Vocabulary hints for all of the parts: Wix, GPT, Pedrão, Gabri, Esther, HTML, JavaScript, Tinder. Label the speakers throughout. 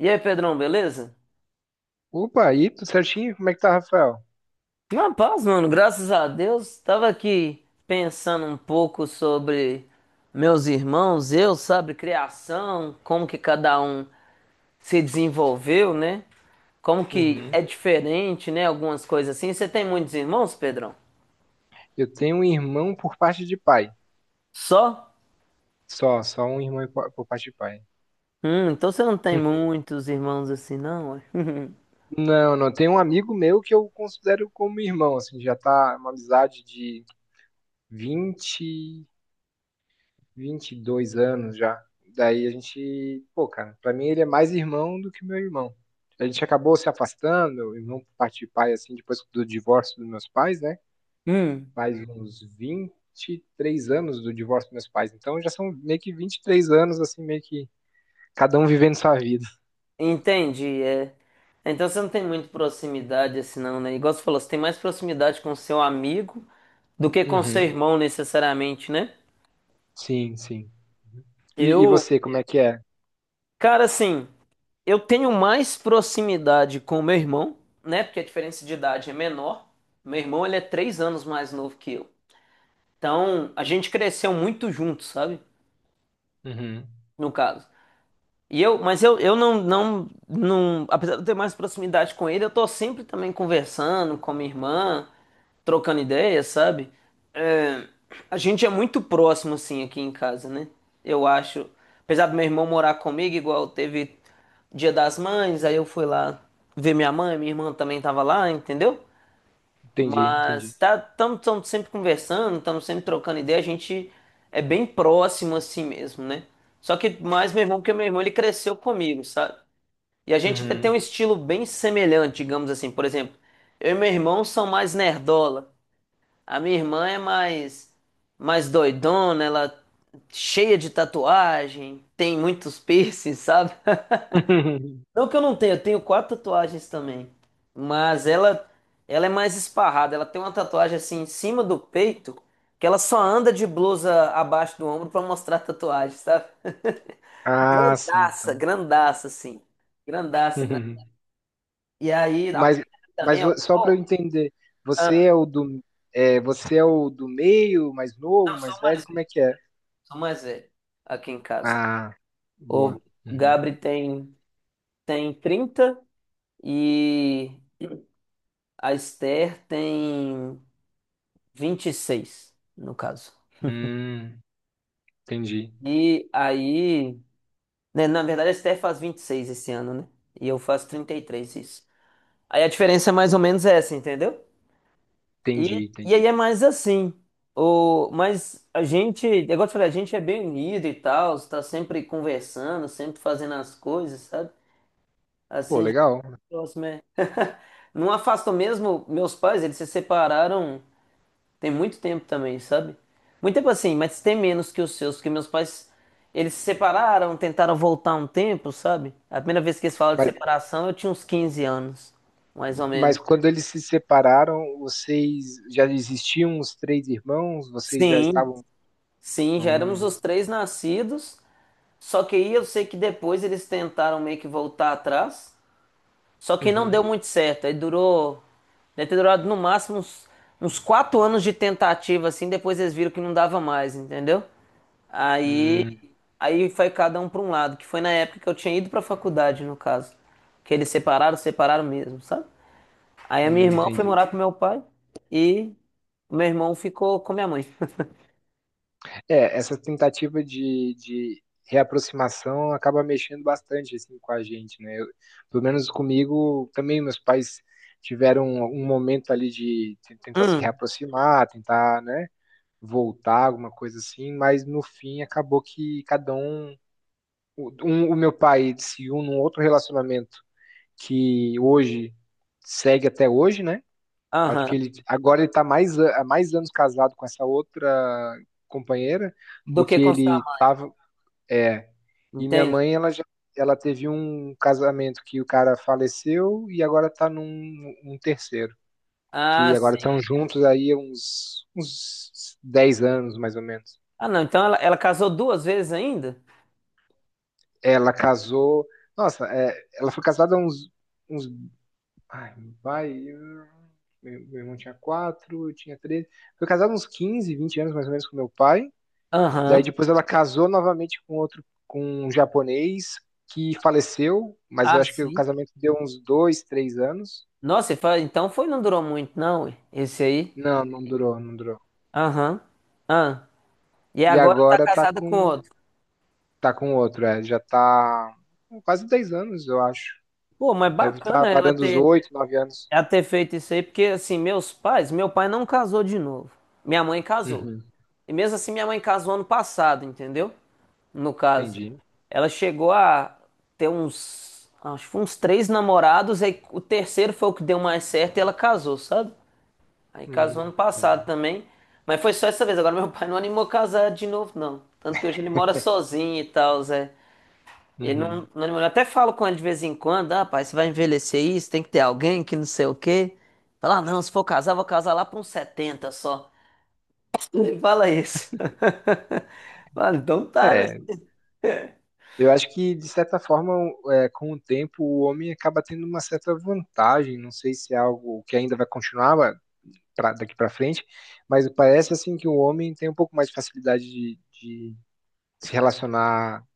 Speaker 1: E aí, Pedrão, beleza?
Speaker 2: Opa, aí, tudo certinho? Como é que tá, Rafael?
Speaker 1: Na paz, mano, graças a Deus. Tava aqui pensando um pouco sobre meus irmãos, eu, sabe, criação, como que cada um se desenvolveu, né? Como que
Speaker 2: Uhum.
Speaker 1: é diferente, né? Algumas coisas assim. Você tem muitos irmãos, Pedrão?
Speaker 2: Eu tenho um irmão por parte de pai.
Speaker 1: Só?
Speaker 2: Só, só um irmão por parte de pai.
Speaker 1: Então você não tem
Speaker 2: Hum.
Speaker 1: muitos irmãos assim, não? Ué?
Speaker 2: Não, não, tem um amigo meu que eu considero como irmão, assim, já tá uma amizade de vinte, 22 anos já. Daí a gente, pô, cara, pra mim ele é mais irmão do que meu irmão. A gente acabou se afastando, irmão por parte de pai, assim, depois do divórcio dos meus pais, né? Faz uns 23 anos do divórcio dos meus pais. Então já são meio que 23 anos, assim, meio que cada um vivendo sua vida.
Speaker 1: Entendi, é. Então você não tem muito proximidade assim não, né? Igual você falou, você tem mais proximidade com seu amigo do que com seu
Speaker 2: Uhum.
Speaker 1: irmão necessariamente, né?
Speaker 2: Sim, sim. E
Speaker 1: Eu,
Speaker 2: você, como é que é?
Speaker 1: cara, assim, eu tenho mais proximidade com meu irmão, né? Porque a diferença de idade é menor. Meu irmão, ele é 3 anos mais novo que eu. Então, a gente cresceu muito junto, sabe?
Speaker 2: Uhum.
Speaker 1: No caso. Mas eu não, apesar de eu ter mais proximidade com ele, eu tô sempre também conversando com a minha irmã, trocando ideias, sabe? É, a gente é muito próximo, assim, aqui em casa, né? Eu acho. Apesar do meu irmão morar comigo, igual teve Dia das Mães, aí eu fui lá ver minha mãe, minha irmã também tava lá, entendeu?
Speaker 2: Entendi, entendi.
Speaker 1: Mas tá, estamos sempre conversando, estamos sempre trocando ideia, a gente é bem próximo assim mesmo, né? Só que mais meu irmão, porque meu irmão ele cresceu comigo, sabe? E a gente até tem um
Speaker 2: Uhum.
Speaker 1: estilo bem semelhante, digamos assim. Por exemplo, eu e meu irmão são mais nerdola. A minha irmã é mais doidona, ela cheia de tatuagem, tem muitos piercings, sabe? Não que eu não tenha, eu tenho quatro tatuagens também. Mas ela é mais esparrada. Ela tem uma tatuagem assim em cima do peito, que ela só anda de blusa abaixo do ombro pra mostrar a tatuagem, sabe?
Speaker 2: Ah, sim,
Speaker 1: Grandaça,
Speaker 2: então.
Speaker 1: grandaça, assim. Grandaça, grandaça.
Speaker 2: Uhum.
Speaker 1: E aí, a
Speaker 2: Mas,
Speaker 1: perna também,
Speaker 2: mas
Speaker 1: ela.
Speaker 2: só para eu
Speaker 1: Oh,
Speaker 2: entender, você é
Speaker 1: ah,
Speaker 2: o do, você é o do meio, mais
Speaker 1: não,
Speaker 2: novo, mais
Speaker 1: sou
Speaker 2: velho,
Speaker 1: mais
Speaker 2: como é
Speaker 1: velho.
Speaker 2: que é?
Speaker 1: Sou mais velho aqui em casa.
Speaker 2: Ah,
Speaker 1: O
Speaker 2: boa. Uhum.
Speaker 1: Gabri tem 30 e a Esther tem 26, no caso.
Speaker 2: Hum, entendi,
Speaker 1: E aí, né, na verdade, a Esther faz 26 esse ano, né? E eu faço 33 isso. Aí a diferença é mais ou menos essa, entendeu? E,
Speaker 2: entendi,
Speaker 1: e aí
Speaker 2: entendi.
Speaker 1: é mais assim. O, mas a gente, é igual eu te falei, a gente é bem unido e tal, está sempre conversando, sempre fazendo as coisas, sabe?
Speaker 2: Pô,
Speaker 1: Assim a gente
Speaker 2: legal.
Speaker 1: é próximo é. Não afastam mesmo, meus pais, eles se separaram. Tem muito tempo também, sabe? Muito tempo assim, mas tem menos que os seus, porque meus pais, eles se separaram, tentaram voltar um tempo, sabe? A primeira vez que eles falam de separação, eu tinha uns 15 anos, mais ou
Speaker 2: Mas
Speaker 1: menos.
Speaker 2: quando eles se separaram, vocês já existiam os três irmãos? Vocês já
Speaker 1: Sim,
Speaker 2: estavam.
Speaker 1: sim, já
Speaker 2: Hum,
Speaker 1: éramos os três nascidos, só que aí eu sei que depois eles tentaram meio que voltar atrás, só que não
Speaker 2: uhum,
Speaker 1: deu muito certo, aí durou, deve ter durado no máximo uns 4 anos de tentativa, assim, depois eles viram que não dava mais, entendeu? Aí
Speaker 2: hum,
Speaker 1: Aí foi cada um para um lado, que foi na época que eu tinha ido para faculdade, no caso. Que eles separaram, separaram mesmo, sabe? Aí a minha irmã foi
Speaker 2: entendi.
Speaker 1: morar com meu pai e o meu irmão ficou com minha mãe.
Speaker 2: É, essa tentativa de reaproximação acaba mexendo bastante assim, com a gente, né? Pelo menos comigo, também meus pais tiveram um momento ali de tentar se
Speaker 1: Hum,
Speaker 2: reaproximar, tentar, né, voltar, alguma coisa assim, mas no fim acabou que cada um. O meu pai se uniu num outro relacionamento que hoje segue até hoje, né? Acho que
Speaker 1: aham.
Speaker 2: ele agora ele tá mais há mais anos casado com essa outra companheira do
Speaker 1: Do que
Speaker 2: que
Speaker 1: com sua
Speaker 2: ele
Speaker 1: mãe,
Speaker 2: estava. É. E minha
Speaker 1: entende?
Speaker 2: mãe, ela teve um casamento que o cara faleceu e agora está num um terceiro, que
Speaker 1: Ah,
Speaker 2: agora
Speaker 1: sim.
Speaker 2: estão juntos aí há uns 10 anos mais ou menos.
Speaker 1: Ah, não, então ela casou duas vezes ainda?
Speaker 2: Ela casou, nossa, é, ela foi casada há uns uns Ai, meu pai. Meu irmão tinha 4, eu tinha 3. Foi casado uns 15, 20 anos mais ou menos com meu pai. Daí
Speaker 1: Aham.
Speaker 2: depois ela casou novamente com outro, com um japonês que faleceu, mas eu
Speaker 1: Ah,
Speaker 2: acho que o
Speaker 1: sim.
Speaker 2: casamento deu uns 2, 3 anos.
Speaker 1: Nossa, e então foi, não durou muito, não, ué, esse aí.
Speaker 2: Não, não durou, não durou.
Speaker 1: Aham. Ah. E
Speaker 2: E
Speaker 1: agora tá
Speaker 2: agora tá
Speaker 1: casada com
Speaker 2: com,
Speaker 1: outro.
Speaker 2: tá com outro, é, já tá com quase 10 anos, eu acho.
Speaker 1: Pô, mas
Speaker 2: Deve estar tá
Speaker 1: bacana ela
Speaker 2: varando os
Speaker 1: ter.
Speaker 2: 8, 9 anos.
Speaker 1: Já ter feito isso aí, porque assim, meus pais, meu pai não casou de novo. Minha mãe casou.
Speaker 2: Uhum,
Speaker 1: E mesmo assim, minha mãe casou ano passado, entendeu? No caso.
Speaker 2: entendi.
Speaker 1: Ela chegou a ter uns, acho que foi uns três namorados, aí o terceiro foi o que deu mais certo e ela casou, sabe? Aí casou
Speaker 2: Hum,
Speaker 1: ano passado
Speaker 2: legal.
Speaker 1: também. Mas foi só essa vez. Agora meu pai não animou a casar de novo, não. Tanto que hoje ele mora sozinho e tal, ele não,
Speaker 2: Uhum.
Speaker 1: não demorou. Eu até falo com ele de vez em quando, ah, pai, você vai envelhecer isso, tem que ter alguém que não sei o quê. Fala, ah, não, se for casar, vou casar lá para uns 70 só. Ele fala isso. Fala, então tá, né?
Speaker 2: É, eu acho que, de certa forma, é, com o tempo, o homem acaba tendo uma certa vantagem. Não sei se é algo que ainda vai continuar daqui para frente, mas parece assim que o homem tem um pouco mais de facilidade de se relacionar.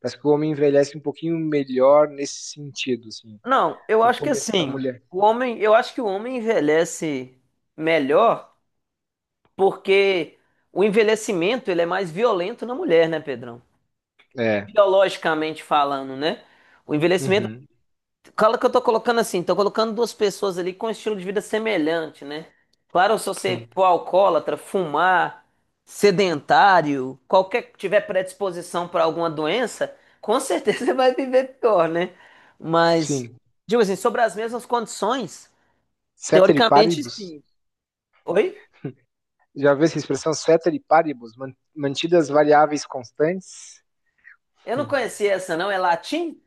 Speaker 2: Parece que o homem envelhece um pouquinho melhor nesse sentido, assim.
Speaker 1: Não, eu
Speaker 2: O
Speaker 1: acho que
Speaker 2: começo da
Speaker 1: assim,
Speaker 2: mulher.
Speaker 1: o homem, eu acho que o homem envelhece melhor porque o envelhecimento ele é mais violento na mulher, né, Pedrão?
Speaker 2: É.
Speaker 1: Biologicamente falando, né? O envelhecimento
Speaker 2: Uhum.
Speaker 1: Cala que eu tô colocando assim, tô colocando duas pessoas ali com um estilo de vida semelhante, né? Claro, se você
Speaker 2: Sim.
Speaker 1: for alcoólatra, fumar, sedentário, qualquer que tiver predisposição para alguma doença, com certeza você vai viver pior, né? Mas,
Speaker 2: Sim.
Speaker 1: digo assim, sobre as mesmas condições,
Speaker 2: Ceteris
Speaker 1: teoricamente
Speaker 2: paribus.
Speaker 1: sim. Oi?
Speaker 2: Já viu essa expressão ceteris paribus? Mantidas variáveis constantes?
Speaker 1: Eu não
Speaker 2: Hum.
Speaker 1: conhecia essa não, é latim?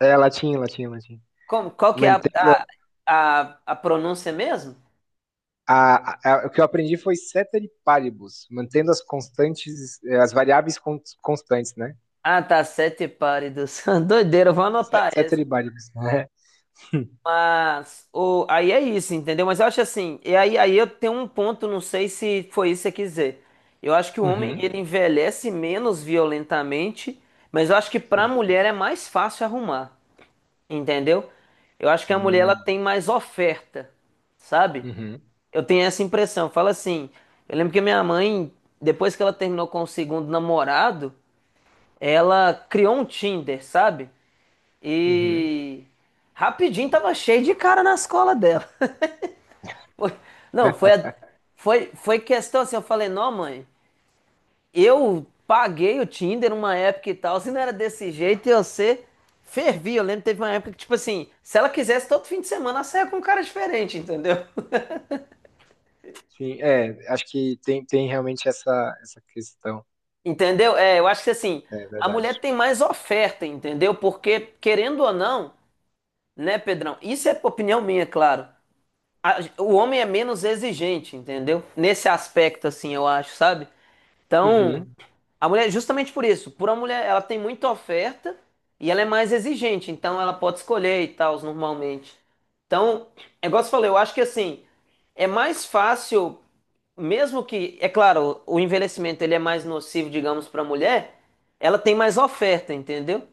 Speaker 2: É latim, latim, latim.
Speaker 1: Como, qual que é a,
Speaker 2: Mantendo
Speaker 1: pronúncia mesmo?
Speaker 2: o que eu aprendi foi ceteris paribus, mantendo as constantes, as variáveis constantes, né?
Speaker 1: Ah, tá, sete pálidos. Doideira, eu vou anotar essa.
Speaker 2: Ceteris paribus, né?
Speaker 1: Mas aí é isso, entendeu? Mas eu acho assim, e aí eu tenho um ponto, não sei se foi isso que você quiser. Eu acho que o homem
Speaker 2: Uhum,
Speaker 1: ele envelhece menos violentamente, mas eu acho que para a
Speaker 2: sim.
Speaker 1: mulher é mais fácil arrumar, entendeu? Eu acho que a mulher ela
Speaker 2: Hum,
Speaker 1: tem mais oferta, sabe?
Speaker 2: uhum,
Speaker 1: Eu tenho essa impressão. Fala assim, eu lembro que minha mãe, depois que ela terminou com o segundo namorado, ela criou um Tinder, sabe?
Speaker 2: uhum.
Speaker 1: E rapidinho tava cheio de cara na escola dela. Não, foi,
Speaker 2: É,
Speaker 1: a- foi, foi questão assim, eu falei, não, mãe, eu paguei o Tinder uma época e tal, se não era desse jeito, e você fervia. Eu lembro que teve uma época que, tipo assim, se ela quisesse, todo fim de semana ela saia com um cara diferente, entendeu?
Speaker 2: sim, é, acho que tem realmente essa questão,
Speaker 1: Entendeu? É, eu acho que assim,
Speaker 2: é
Speaker 1: a
Speaker 2: verdade.
Speaker 1: mulher tem mais oferta, entendeu? Porque, querendo ou não, né, Pedrão? Isso é opinião minha, claro. O homem é menos exigente, entendeu? Nesse aspecto, assim, eu acho, sabe? Então,
Speaker 2: Uhum,
Speaker 1: a mulher, justamente por isso, por a mulher, ela tem muita oferta e ela é mais exigente, então ela pode escolher e tal, normalmente. Então, é igual você falou, eu acho que assim, é mais fácil, mesmo que, é claro, o envelhecimento ele é mais nocivo, digamos, para a mulher, ela tem mais oferta, entendeu?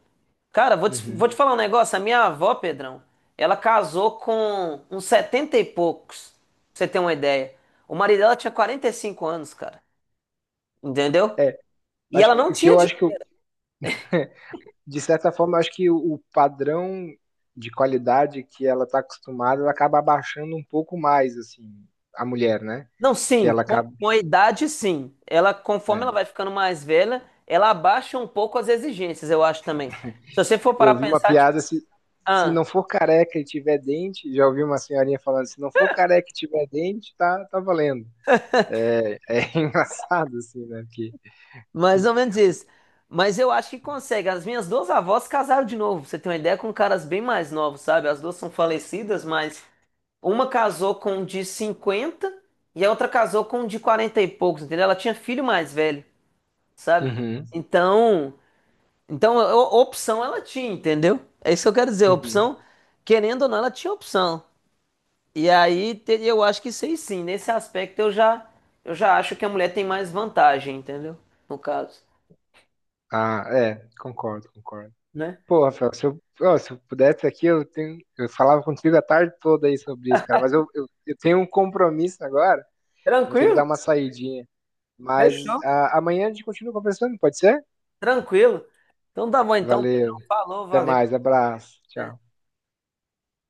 Speaker 1: Cara, vou te, vou
Speaker 2: uhum.
Speaker 1: te falar um negócio, a minha avó, Pedrão, ela casou com uns 70 e poucos, pra você ter uma ideia. O marido dela tinha 45 anos, cara, entendeu?
Speaker 2: É,
Speaker 1: E
Speaker 2: acho
Speaker 1: ela não
Speaker 2: que o que
Speaker 1: tinha
Speaker 2: eu acho que, eu, de certa forma, eu acho que o padrão de qualidade que ela está acostumada, ela acaba abaixando um pouco mais, assim, a mulher, né?
Speaker 1: Não,
Speaker 2: Que
Speaker 1: sim,
Speaker 2: ela
Speaker 1: com,
Speaker 2: acaba.
Speaker 1: com a idade, sim. Ela, conforme ela
Speaker 2: É.
Speaker 1: vai ficando mais velha, ela abaixa um pouco as exigências, eu acho também. Se você for parar
Speaker 2: Eu vi
Speaker 1: pra
Speaker 2: uma
Speaker 1: pensar, tipo,
Speaker 2: piada se
Speaker 1: ah,
Speaker 2: não for careca e tiver dente, já ouvi uma senhorinha falando, se não for careca e tiver dente, tá, tá valendo. É engraçado, assim, né? Porque.
Speaker 1: mais ou menos isso. Mas eu acho que consegue. As minhas duas avós casaram de novo, pra você tem uma ideia com caras bem mais novos, sabe? As duas são falecidas, mas uma casou com um de 50 e a outra casou com um de 40 e poucos, entendeu? Ela tinha filho mais velho, sabe?
Speaker 2: Uhum,
Speaker 1: Então, Então, a opção ela tinha, entendeu? É isso que eu quero dizer, a
Speaker 2: uhum.
Speaker 1: opção, querendo ou não, ela tinha opção. E aí, eu acho que sei sim, nesse aspecto eu já, acho que a mulher tem mais vantagem, entendeu? No caso,
Speaker 2: Ah, é, concordo, concordo.
Speaker 1: né?
Speaker 2: Pô, Rafael, se eu pudesse aqui, eu falava contigo a tarde toda aí sobre isso, cara, mas eu tenho um compromisso agora, vou ter que
Speaker 1: Tranquilo?
Speaker 2: dar uma saidinha. Mas
Speaker 1: Fechou?
Speaker 2: amanhã a gente continua conversando, pode ser?
Speaker 1: Tranquilo. Então tá bom, então, Pedrão,
Speaker 2: Valeu,
Speaker 1: falou,
Speaker 2: até mais,
Speaker 1: valeu.
Speaker 2: abraço, tchau.